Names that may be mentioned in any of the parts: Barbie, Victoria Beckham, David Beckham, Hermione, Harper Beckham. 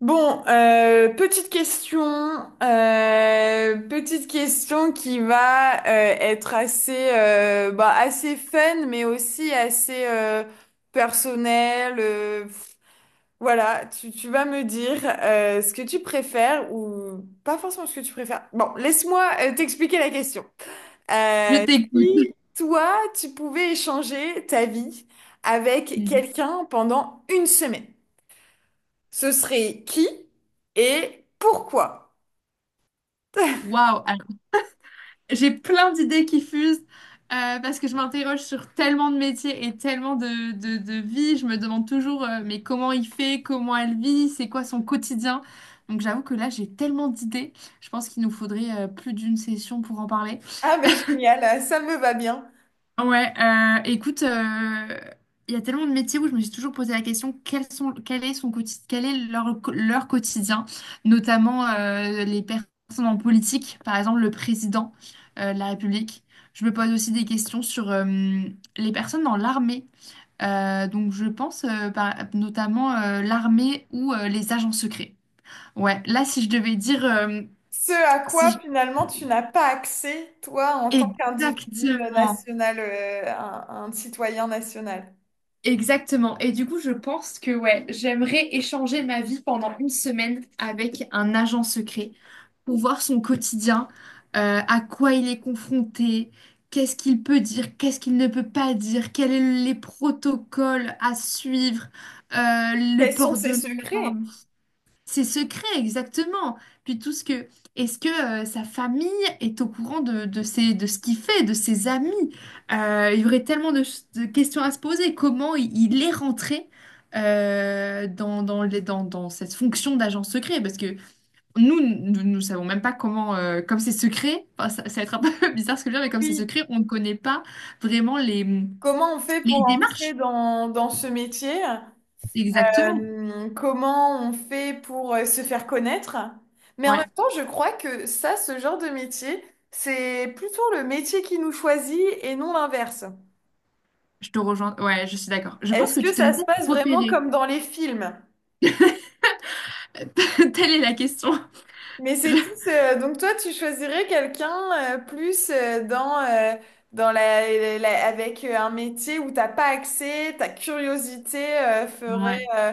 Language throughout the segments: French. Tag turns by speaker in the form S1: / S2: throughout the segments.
S1: Petite petite question qui va être bah, assez fun, mais aussi assez personnelle. Pff. Voilà, tu vas me dire ce que tu préfères ou pas forcément ce que tu préfères. Bon, laisse-moi t'expliquer la question.
S2: Je
S1: Euh,
S2: t'écoute.
S1: Si toi, tu pouvais échanger ta vie avec
S2: Mhm.
S1: quelqu'un pendant une semaine. Ce serait qui et pourquoi?
S2: Waouh! Alors, j'ai plein d'idées qui fusent parce que je m'interroge sur tellement de métiers et tellement de vies. Je me demande toujours mais comment il fait, comment elle vit, c'est quoi son quotidien. Donc j'avoue que là, j'ai tellement d'idées. Je pense qu'il nous faudrait plus d'une session pour en parler.
S1: Ah, mais génial, ça me va bien.
S2: Ouais, écoute, il y a tellement de métiers où je me suis toujours posé la question, quels sont, quel est son quotidien, quel est leur quotidien, notamment les personnes en politique, par exemple le président de la République. Je me pose aussi des questions sur les personnes dans l'armée. Donc je pense notamment l'armée ou les agents secrets. Ouais, là si je devais dire,
S1: Ce à quoi
S2: si
S1: finalement tu n'as pas accès, toi, en tant
S2: je-
S1: qu'individu
S2: exactement.
S1: national, un citoyen national.
S2: Exactement. Et du coup, je pense que ouais, j'aimerais échanger ma vie pendant une semaine avec un agent secret pour voir son quotidien, à quoi il est confronté, qu'est-ce qu'il peut dire, qu'est-ce qu'il ne peut pas dire, quels sont les protocoles à suivre, le
S1: Quels sont
S2: port de
S1: ses secrets?
S2: l'arme. Ses secrets, exactement. Puis tout ce que... Est-ce que sa famille est au courant de ce qu'il fait, de ses amis? Il y aurait tellement de questions à se poser. Comment il est rentré dans cette fonction d'agent secret? Parce que nous ne savons même pas comment... comme c'est secret, enfin, ça va être un peu bizarre ce que je veux dire, mais comme c'est
S1: Oui.
S2: secret, on ne connaît pas vraiment
S1: Comment on fait
S2: les
S1: pour entrer
S2: démarches.
S1: dans, dans ce métier?
S2: Exactement.
S1: Comment on fait pour se faire connaître? Mais en même
S2: Ouais,
S1: temps, je crois que ça, ce genre de métier, c'est plutôt le métier qui nous choisit et non l'inverse.
S2: je te rejoins. Ouais, je suis d'accord. Je pense
S1: Est-ce
S2: que
S1: que
S2: tu te
S1: ça
S2: devais
S1: se
S2: peut-être
S1: passe vraiment
S2: repérer.
S1: comme dans les films?
S2: Telle est la question.
S1: Mais
S2: Je-
S1: c'est tous. Donc toi, tu choisirais quelqu'un plus dans avec un métier où t'as pas accès, ta curiosité euh, ferait,
S2: Ouais,
S1: euh,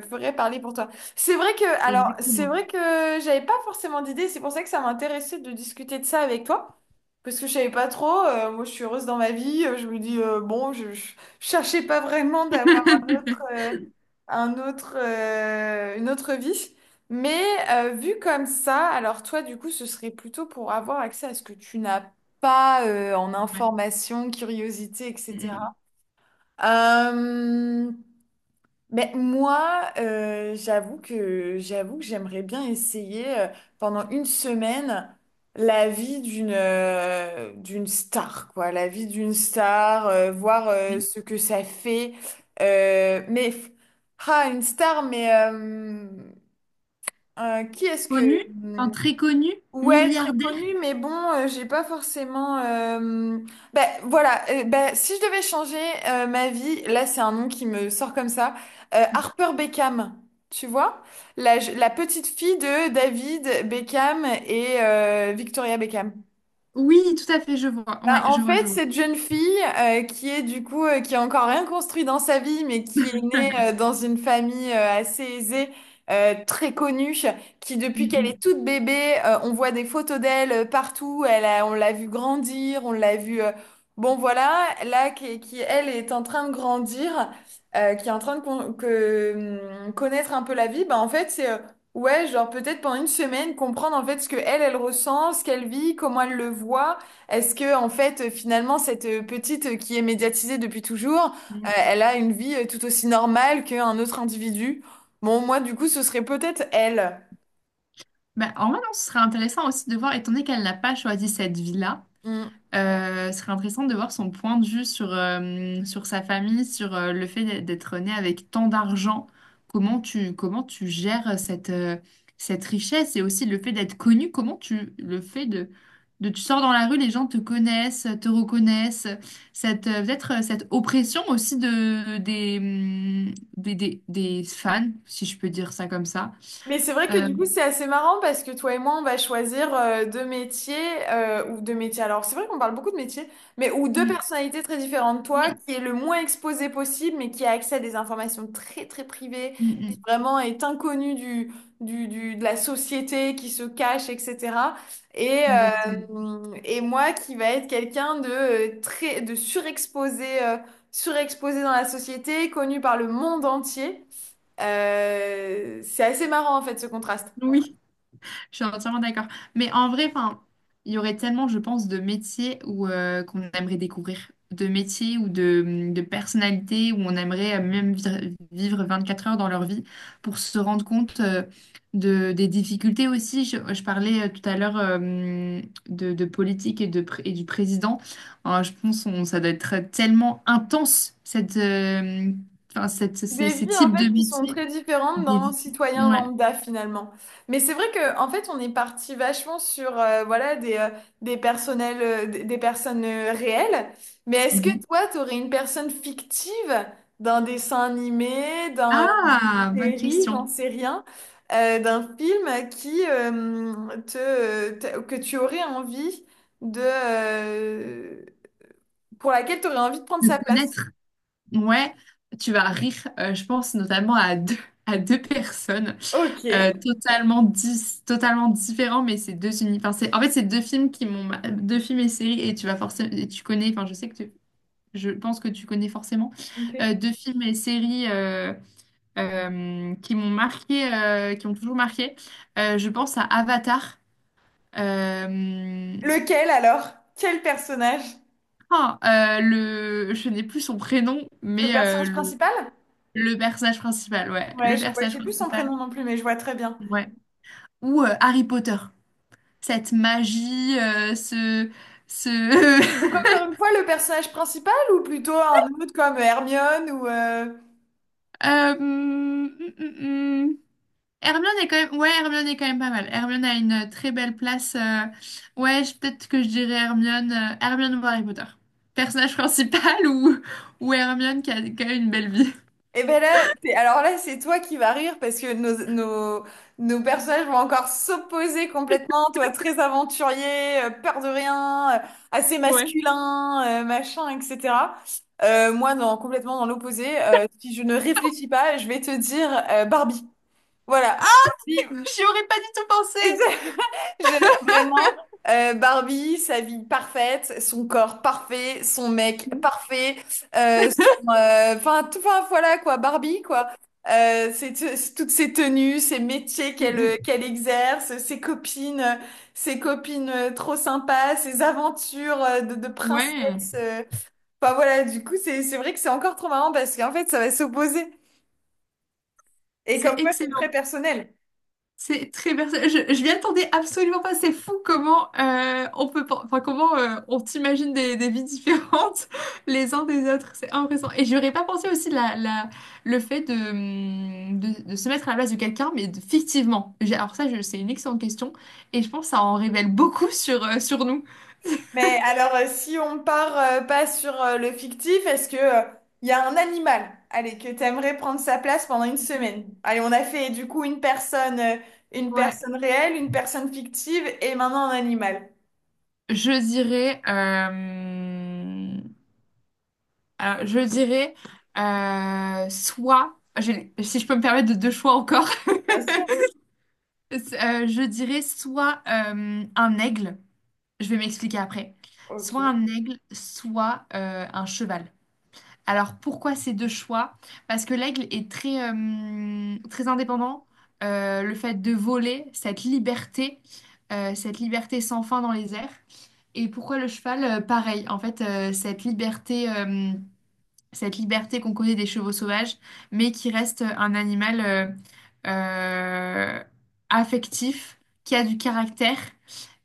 S1: fe- ferait parler pour toi. C'est vrai que, alors, c'est
S2: exactement.
S1: vrai que j'avais pas forcément d'idée. C'est pour ça que ça m'intéressait de discuter de ça avec toi. Parce que je savais pas trop, moi je suis heureuse dans ma vie, je me dis, bon, je cherchais pas vraiment d'avoir un un une autre vie. Mais vu comme ça, alors toi du coup, ce serait plutôt pour avoir accès à ce que tu n'as pas en
S2: Ouais.
S1: information, curiosité,
S2: Mm,
S1: etc. Euh, mais moi, j'avoue que j'aimerais bien essayer pendant une semaine la vie d'une star, quoi, la vie d'une star, voir
S2: mm. Mm.
S1: ce que ça fait. Euh, mais une star, mais qui est-ce que
S2: Connu, enfin,
S1: hmm,
S2: très connu,
S1: ouais, très
S2: milliardaire.
S1: connu, mais bon, j'ai pas forcément. Ben voilà, ben, si je devais changer ma vie, là c'est un nom qui me sort comme ça, Harper Beckham, tu vois? La petite fille de David Beckham et Victoria Beckham.
S2: Oui, tout à fait, je vois.
S1: Bah,
S2: Ouais,
S1: en
S2: je vois,
S1: fait,
S2: je vois.
S1: cette jeune fille qui est du coup qui a encore rien construit dans sa vie, mais qui est née dans une famille assez aisée, très connue, qui depuis qu'elle est
S2: Mm,
S1: toute bébé, on voit des photos d'elle partout. Elle on l'a vue grandir, on l'a vue. Bon voilà, là qui elle est en train de grandir, qui est en train de connaître un peu la vie. Bah en fait c'est ouais, genre peut-être pendant une semaine, comprendre en fait ce que elle, elle ressent, ce qu'elle vit, comment elle le voit. Est-ce que, en fait, finalement, cette petite qui est médiatisée depuis toujours,
S2: mm, mm.
S1: elle a une vie tout aussi normale qu'un autre individu? Bon, moi, du coup, ce serait peut-être elle.
S2: Bah, en vrai, non, ce serait intéressant aussi de voir, étant donné qu'elle n'a pas choisi cette vie-là.
S1: Hmm.
S2: Ce serait intéressant de voir son point de vue sur, sur sa famille, sur le fait d'être né avec tant d'argent. Comment tu gères cette, cette richesse et aussi le fait d'être connu. Comment tu le fait de tu sors dans la rue, les gens te connaissent, te reconnaissent. Cette, peut-être cette oppression aussi de, des fans, si je peux dire ça comme ça.
S1: Mais c'est vrai que
S2: Euh,
S1: du coup, c'est assez marrant parce que toi et moi, on va choisir deux métiers ou deux métiers. Alors, c'est vrai qu'on parle beaucoup de métiers, mais ou deux
S2: mm,
S1: personnalités très différentes. Toi,
S2: oui,
S1: qui est le moins exposé possible, mais qui a accès à des informations très, très privées, qui
S2: mm,
S1: vraiment est inconnue du- de la société, qui se cache, etc.
S2: mm, exactement.
S1: Et moi, qui va être quelqu'un de très, de surexposé, surexposé dans la société, connu par le monde entier. C'est assez marrant en fait ce contraste.
S2: Je suis entièrement d'accord. Mais en vrai, enfin, il y aurait tellement, je pense, de métiers où qu'on aimerait découvrir, de métiers ou de personnalités où on aimerait même vivre 4 heures dans leur vie pour se rendre compte de, des difficultés aussi. Je parlais tout à l'heure de politique et, et du président. Hein, je pense on, ça doit être tellement intense, cette, enfin,
S1: Des
S2: ces
S1: vies en
S2: types de
S1: fait qui sont
S2: métiers.
S1: très différentes
S2: Des...
S1: d'un
S2: vies-
S1: citoyen
S2: Ouais.
S1: lambda finalement. Mais c'est vrai que en fait on est parti vachement sur voilà des des personnels euh, des personnes réelles. Mais est-ce que
S2: Mm-hmm.
S1: toi t'aurais une personne fictive d'un dessin animé, d'une
S2: Ah, bonne
S1: série, j'en
S2: question.
S1: sais rien, d'un film qui que tu aurais envie de pour laquelle tu aurais envie de prendre
S2: De
S1: sa place?
S2: connaître. Ouais, tu vas rire, je pense notamment à deux personnes
S1: Ok.
S2: totalement différents, mais c'est enfin, en fait, c'est deux films deux films et séries, et tu vas forcément, et tu connais, enfin, je sais que je pense que tu connais forcément
S1: Ok.
S2: deux films et séries qui m'ont marqué, qui m'ont toujours marqué. Je pense à Avatar. euh,
S1: Lequel alors? Quel personnage?
S2: ah, le... je n'ai plus son prénom,
S1: Le
S2: mais
S1: personnage
S2: le...
S1: principal?
S2: le personnage principal, ouais.
S1: Ouais,
S2: Le
S1: je vois,
S2: personnage
S1: j'ai plus son
S2: principal,
S1: prénom non plus, mais je vois très bien.
S2: ouais. Ou Harry Potter. Cette magie, ce... ce...
S1: Donc encore une fois, le personnage principal ou plutôt un autre comme Hermione ou...
S2: Euh, hum, hum, hum. Hermione est quand même... Ouais, Hermione est quand même pas mal. Hermione a une très belle place. Ouais, peut-être que je dirais Hermione... Hermione ou Harry Potter. Personnage principal ou Hermione qui a quand même une belle vie.
S1: Eh ben là, alors là, c'est toi qui vas rire parce que nos personnages vont encore s'opposer complètement. Toi, très aventurier, peur de rien, assez
S2: Ouais.
S1: masculin, machin, etc. Moi, complètement dans l'opposé. Si je ne réfléchis pas, je vais te dire Barbie. Voilà. Puis,
S2: J'y aurais pas du tout pensé.
S1: je- vraiment, Barbie, sa vie parfaite, son corps parfait, son mec parfait, euh, son,
S2: Mm.
S1: euh, enfin, tout, enfin, voilà quoi, Barbie quoi. C'est toutes ses tenues, ses métiers
S2: Mm, mm.
S1: qu'elle exerce, ses copines trop sympas, ses aventures de
S2: Ouais,
S1: princesse. Enfin voilà, du coup, c'est vrai que c'est encore trop marrant parce qu'en fait, ça va s'opposer. Et comme
S2: c'est
S1: quoi, c'est
S2: excellent.
S1: très personnel.
S2: C'est très personnel. Je m'y attendais absolument pas. C'est fou comment on peut, enfin comment on t'imagine des vies différentes les uns des autres. C'est impressionnant. Et j'aurais pas pensé aussi la, la, le fait de, de se mettre à la place de quelqu'un, mais fictivement. Alors ça, c'est une excellente question. Et je pense que ça en révèle beaucoup sur sur nous.
S1: Mais alors, si on part pas sur le fictif, est-ce que il y a un animal, allez, que t'aimerais prendre sa place pendant une semaine? Allez, on a fait du coup une
S2: Ouais.
S1: personne réelle, une personne fictive et maintenant un animal.
S2: Je dirais, alors je dirais soit, si je peux me permettre de deux choix encore.
S1: Bien sûr.
S2: Je dirais soit un aigle, je vais m'expliquer après, soit
S1: Ok.
S2: un aigle, soit un cheval. Alors pourquoi ces deux choix? Parce que l'aigle est très, très indépendant. Le fait de voler, cette liberté sans fin dans les airs. Et pourquoi le cheval? Pareil, en fait, cette liberté. Cette liberté qu'on connaît des chevaux sauvages, mais qui reste un animal euh, affectif, qui a du caractère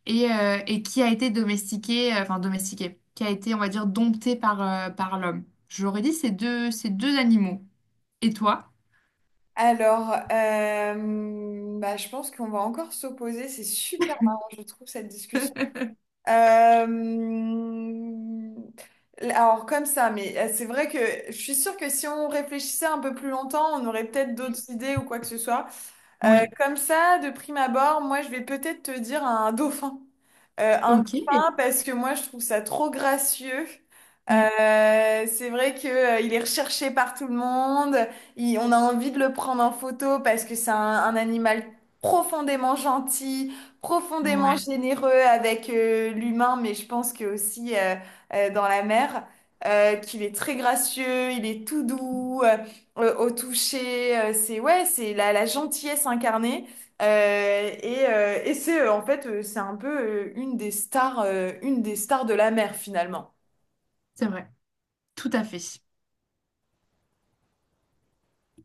S2: et qui a été domestiqué, enfin domestiqué, qui a été, on va dire, dompté par, par l'homme. J'aurais dit ces deux animaux. Et toi?
S1: Alors, bah, je pense qu'on va encore s'opposer. C'est super marrant, je trouve, cette discussion. Euh, Alors comme ça, mais c'est vrai que je suis sûre que si on réfléchissait un peu plus longtemps, on aurait peut-être d'autres idées ou quoi que ce soit.
S2: Oui.
S1: Comme ça, de prime abord, moi, je vais peut-être te dire un dauphin. Un
S2: Ok.
S1: dauphin parce que moi, je trouve ça trop gracieux.
S2: Mm.
S1: C'est vrai que, il est recherché par tout le monde. On a envie de le prendre en photo parce que c'est un animal profondément gentil, profondément
S2: Ouais,
S1: généreux avec l'humain, mais je pense que aussi dans la mer, qu'il est très gracieux, il est tout doux au toucher, c'est ouais, c'est la gentillesse incarnée. Et et c'est en fait c'est un peu une des stars de la mer finalement.
S2: c'est vrai. Tout à fait.